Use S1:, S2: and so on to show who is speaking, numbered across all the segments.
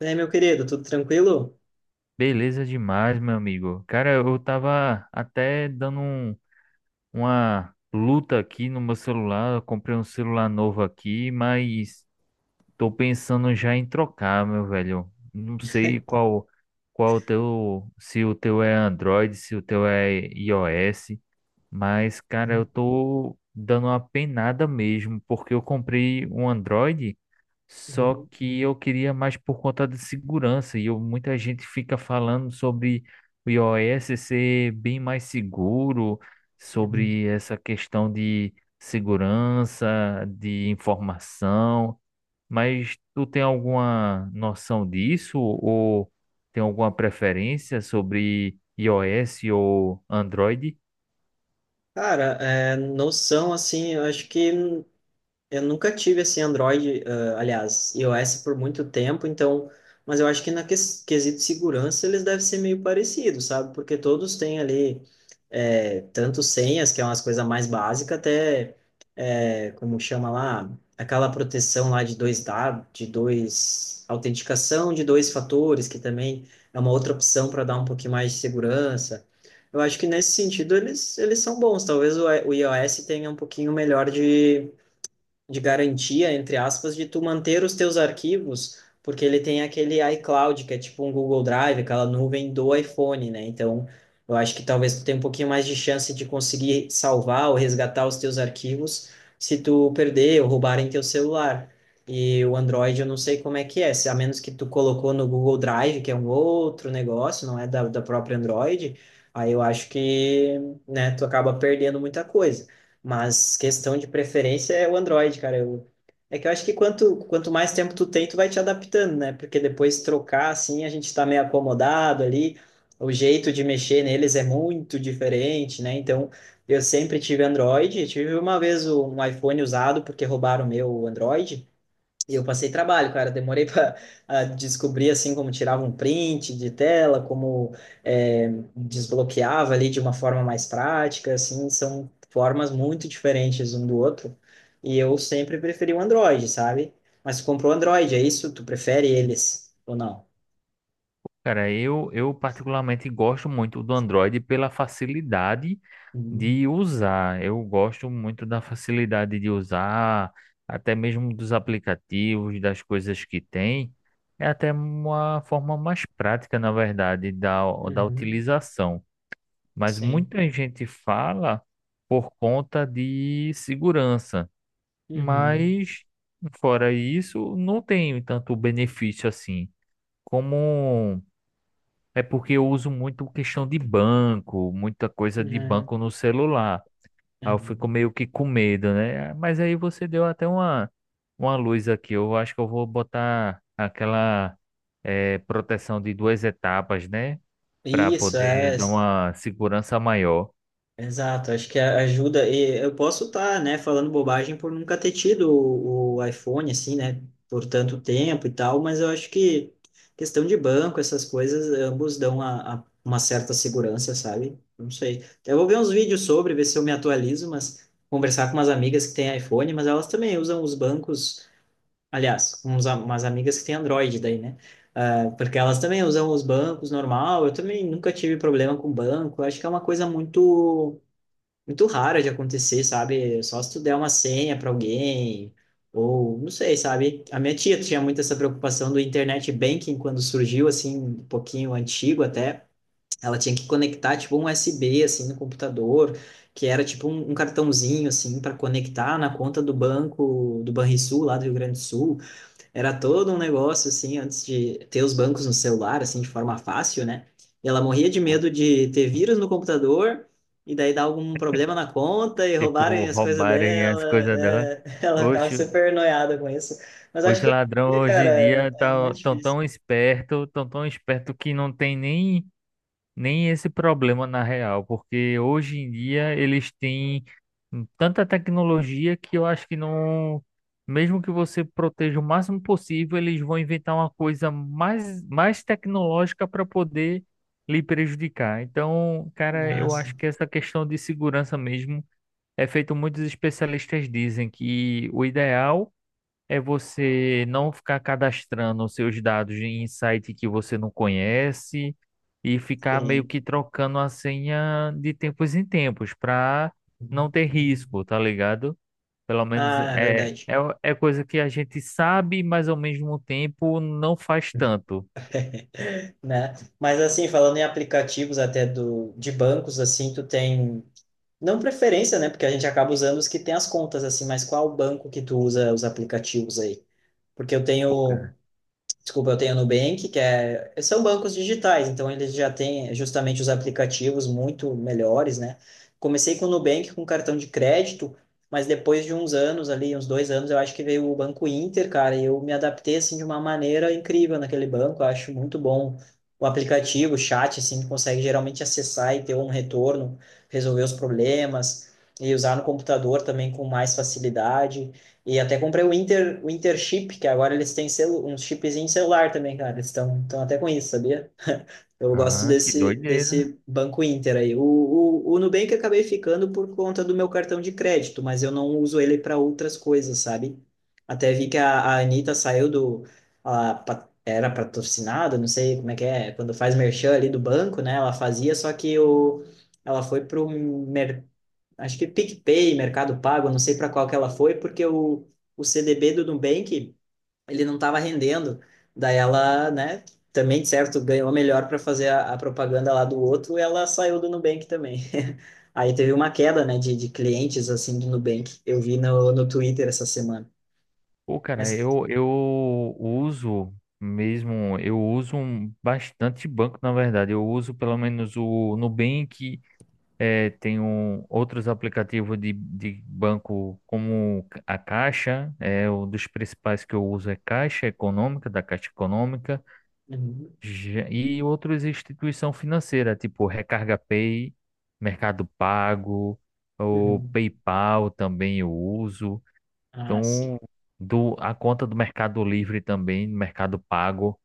S1: É meu querido, tudo tranquilo?
S2: Beleza demais, meu amigo. Cara, eu tava até dando uma luta aqui no meu celular. Eu comprei um celular novo aqui, mas tô pensando já em trocar, meu velho. Não sei qual o teu, se o teu é Android, se o teu é iOS, mas cara, eu tô dando uma penada mesmo, porque eu comprei um Android só
S1: Uhum,
S2: que eu queria mais por conta de segurança. Muita gente fica falando sobre o iOS ser bem mais seguro,
S1: uhum.
S2: sobre essa questão de segurança, de informação. Mas tu tem alguma noção disso? Ou tem alguma preferência sobre iOS ou Android?
S1: Cara, é, noção, assim, eu acho que eu nunca tive assim Android, ah, aliás, iOS por muito tempo, então, mas eu acho que na quesito segurança eles devem ser meio parecidos, sabe? Porque todos têm ali é, tanto senhas, que é umas coisas mais básicas, até é, como chama lá, aquela proteção lá de dois dados, de dois autenticação de dois fatores, que também é uma outra opção para dar um pouquinho mais de segurança. Eu acho que nesse sentido eles são bons. Talvez o iOS tenha um pouquinho melhor de garantia, entre aspas, de tu manter os teus arquivos, porque ele tem aquele iCloud, que é tipo um Google Drive, aquela nuvem do iPhone, né? Então, eu acho que talvez tu tenha um pouquinho mais de chance de conseguir salvar ou resgatar os teus arquivos se tu perder ou roubarem teu celular. E o Android, eu não sei como é que é, se a menos que tu colocou no Google Drive, que é um outro negócio, não é da própria Android, aí eu acho que, né, tu acaba perdendo muita coisa. Mas questão de preferência é o Android, cara. Eu, é que eu acho que quanto mais tempo tu tem, tu vai te adaptando, né? Porque depois trocar, assim, a gente tá meio acomodado ali. O jeito de mexer neles é muito diferente, né? Então, eu sempre tive Android. Eu tive uma vez um iPhone usado porque roubaram o meu Android. E eu passei trabalho, cara. Demorei para descobrir assim como tirava um print de tela, como é, desbloqueava ali de uma forma mais prática. Assim, são formas muito diferentes um do outro. E eu sempre preferi o Android, sabe? Mas tu comprou o Android, é isso? Tu prefere eles ou não?
S2: Cara, eu particularmente gosto muito do Android pela facilidade
S1: Uhum.
S2: de usar. Eu gosto muito da facilidade de usar, até mesmo dos aplicativos, das coisas que tem. É até uma forma mais prática, na verdade, da
S1: Uhum.
S2: utilização. Mas
S1: Sim.
S2: muita gente fala por conta de segurança.
S1: Uhum.
S2: Mas, fora isso, não tem tanto benefício assim. Como. É porque eu uso muito questão de banco, muita coisa de
S1: Uhum.
S2: banco no celular. Aí eu fico
S1: Uhum.
S2: meio que com medo, né? Mas aí você deu até uma luz aqui. Eu acho que eu vou botar aquela proteção de duas etapas, né? Para
S1: Isso,
S2: poder
S1: é.
S2: dar uma segurança maior.
S1: Exato, acho que ajuda. E eu posso estar, né, falando bobagem por nunca ter tido o iPhone, assim, né, por tanto tempo e tal, mas eu acho que questão de banco, essas coisas, ambos dão a, uma certa segurança, sabe? Não sei. Eu vou ver uns vídeos sobre, ver se eu me atualizo, mas conversar com umas amigas que têm iPhone, mas elas também usam os bancos, aliás, uns, umas amigas que têm Android daí, né? Ah, porque elas também usam os bancos normal, eu também nunca tive problema com banco, acho que é uma coisa muito muito rara de acontecer, sabe? Só se tu der uma senha para alguém, ou não sei, sabe? A minha tia tinha muito essa preocupação do internet banking quando surgiu, assim, um pouquinho antigo até. Ela tinha que conectar, tipo, um USB, assim, no computador, que era, tipo, um cartãozinho, assim, para conectar na conta do banco, do Banrisul, lá do Rio Grande do Sul. Era todo um negócio, assim, antes de ter os bancos no celular, assim, de forma fácil, né? E ela morria de
S2: Ou.
S1: medo de ter vírus no computador e daí dar algum problema na conta e roubarem
S2: Tipo,
S1: as coisas
S2: roubarem
S1: dela.
S2: as coisas dela.
S1: É, ela ficava
S2: Hoje,
S1: super noiada com isso. Mas acho
S2: hoje
S1: que hoje em
S2: ladrão,
S1: dia,
S2: hoje em
S1: cara,
S2: dia,
S1: é
S2: tá,
S1: muito
S2: tão
S1: difícil.
S2: tão esperto, tão esperto que não tem nem esse problema na real, porque hoje em dia eles têm tanta tecnologia que eu acho que não, mesmo que você proteja o máximo possível, eles vão inventar uma coisa mais tecnológica para poder lhe prejudicar. Então, cara, eu
S1: Nossa,
S2: acho que essa questão de segurança mesmo é feito, muitos especialistas dizem que o ideal é você não ficar cadastrando os seus dados em site que você não conhece e ficar meio
S1: sim.
S2: que trocando a senha de tempos em tempos para não ter risco, tá ligado? Pelo menos
S1: Ah, é verdade,
S2: é coisa que a gente sabe, mas ao mesmo tempo não faz tanto.
S1: né? Mas assim, falando em aplicativos até do, de bancos, assim, tu tem não preferência, né? Porque a gente acaba usando os que tem as contas, assim, mas qual banco que tu usa os aplicativos aí? Porque eu
S2: Pô,
S1: tenho
S2: cara.
S1: desculpa, eu tenho a Nubank, que é, são bancos digitais, então eles já têm justamente os aplicativos muito melhores, né? Comecei com o Nubank, com cartão de crédito, mas depois de uns anos ali, uns dois anos, eu acho que veio o Banco Inter, cara, e eu me adaptei, assim, de uma maneira incrível naquele banco, eu acho muito bom o aplicativo, o chat, assim, que consegue geralmente acessar e ter um retorno, resolver os problemas, e usar no computador também com mais facilidade, e até comprei o Inter Chip, que agora eles têm celu um chipzinho de celular também, cara. Eles estão até com isso, sabia? Eu gosto
S2: Ah, que
S1: desse,
S2: doideira.
S1: desse banco Inter aí. O Nubank eu acabei ficando por conta do meu cartão de crédito, mas eu não uso ele para outras coisas, sabe? Até vi que a Anitta saiu do. A, era patrocinada, não sei como é que é, quando faz merchan ali do banco, né? Ela fazia, só que o, ela foi para o acho que PicPay, Mercado Pago, eu não sei para qual que ela foi, porque o CDB do Nubank, ele não estava rendendo. Daí ela, né, também, de certo, ganhou melhor para fazer a propaganda lá do outro, e ela saiu do Nubank também. Aí teve uma queda, né, de clientes, assim, do Nubank. Eu vi no, no Twitter essa semana.
S2: Pô, cara,
S1: Mas...
S2: eu uso mesmo, eu uso bastante banco, na verdade. Eu uso pelo menos o Nubank. É, tem outros aplicativos de banco como a Caixa, é um dos principais que eu uso é Caixa Econômica, da Caixa Econômica,
S1: Uhum,
S2: e outras instituição financeira, tipo Recarga Pay, Mercado Pago, o
S1: uhum.
S2: PayPal também eu uso.
S1: Ah, sim.
S2: Então, a conta do Mercado Livre também, Mercado Pago.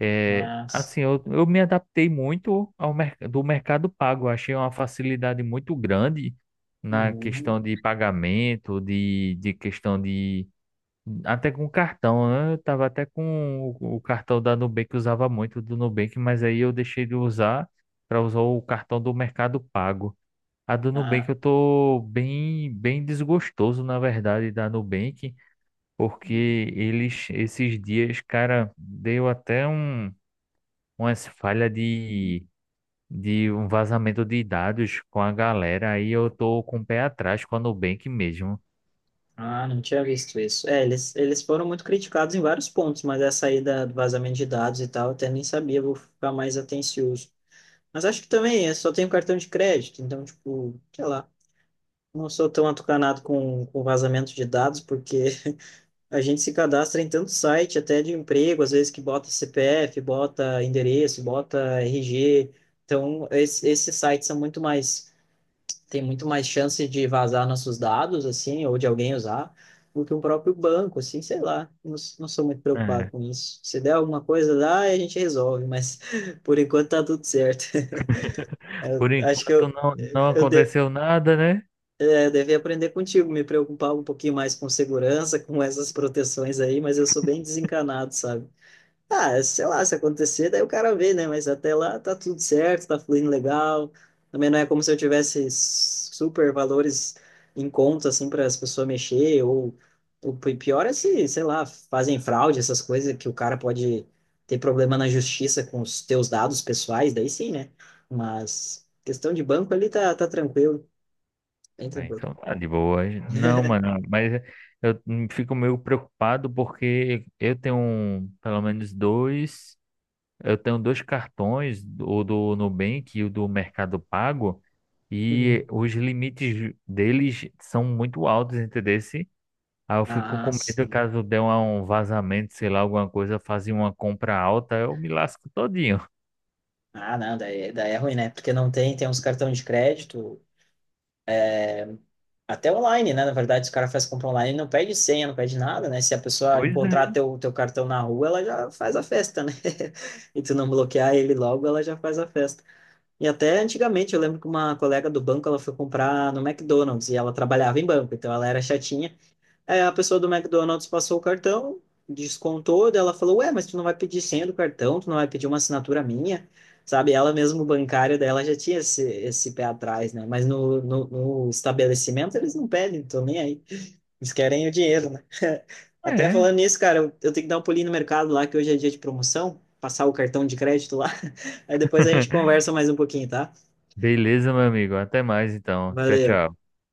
S2: É,
S1: Ah, sim.
S2: assim, eu me adaptei muito ao mer do Mercado Pago. Eu achei uma facilidade muito grande na
S1: Uhum.
S2: questão de pagamento, de questão de. Até com cartão, né? Eu tava até com o cartão da Nubank, eu usava muito do Nubank, mas aí eu deixei de usar para usar o cartão do Mercado Pago. A do Nubank eu
S1: Ah.
S2: tô bem desgostoso, na verdade, da Nubank,
S1: Uhum.
S2: porque eles, esses dias, cara, deu até umas falhas de um vazamento de dados com a galera, aí eu tô com o pé atrás com a Nubank mesmo.
S1: Ah, não tinha visto isso. É, eles foram muito criticados em vários pontos, mas essa aí da, do vazamento de dados e tal, eu até nem sabia, vou ficar mais atencioso. Mas acho que também, eu só tenho cartão de crédito, então, tipo, sei lá, não sou tão atucanado com vazamento de dados, porque a gente se cadastra em tanto site, até de emprego, às vezes que bota CPF, bota endereço, bota RG. Então, esses sites são muito mais tem muito mais chance de vazar nossos dados, assim, ou de alguém usar, do que o próprio banco, assim, sei lá. Não, não sou muito preocupado
S2: É.
S1: com isso. Se der alguma coisa lá, a gente resolve, mas por enquanto tá tudo certo.
S2: Por
S1: Acho que
S2: enquanto não
S1: eu, de,
S2: aconteceu nada, né?
S1: é, devia aprender contigo, me preocupar um pouquinho mais com segurança, com essas proteções aí, mas eu sou bem desencanado, sabe? Ah, sei lá, se acontecer, daí o cara vê, né? Mas até lá tá tudo certo, tá fluindo legal. Também não é como se eu tivesse super valores em conta, assim, para as pessoas mexer. Ou o pior é se, sei lá, fazem fraude, essas coisas que o cara pode ter problema na justiça com os teus dados pessoais, daí sim, né? Mas questão de banco ali tá, tá tranquilo, bem
S2: Ah,
S1: tranquilo.
S2: então tá de boa. Não, mano, mas eu fico meio preocupado porque eu tenho eu tenho dois cartões, o do Nubank e o do Mercado Pago, e
S1: Uhum.
S2: os limites deles são muito altos, entendeu? Aí eu fico
S1: Ah,
S2: com medo
S1: sim.
S2: caso um vazamento, sei lá, alguma coisa, fazer uma compra alta, eu me lasco todinho.
S1: Ah, não, daí, daí é ruim, né? Porque não tem, tem uns cartões de crédito. Até online, né? Na verdade, os caras fazem compra online, não pede senha, não pede nada, né? Se a pessoa
S2: Pois
S1: encontrar
S2: é.
S1: teu, teu cartão na rua, ela já faz a festa, né? E tu não bloquear ele logo, ela já faz a festa. E até antigamente, eu lembro que uma colega do banco, ela foi comprar no McDonald's e ela trabalhava em banco, então ela era chatinha. Aí a pessoa do McDonald's passou o cartão, descontou, daí ela falou: Ué, mas tu não vai pedir senha do cartão, tu não vai pedir uma assinatura minha, sabe? Ela mesmo, bancária dela, já tinha esse, esse pé atrás, né? Mas no estabelecimento eles não pedem, então nem aí. Eles querem o dinheiro, né? Até
S2: É.
S1: falando nisso, cara, eu tenho que dar um pulinho no mercado lá, que hoje é dia de promoção, passar o cartão de crédito lá. Aí depois a gente conversa mais um pouquinho, tá?
S2: Beleza, meu amigo. Até mais então. Tchau,
S1: Valeu.
S2: tchau.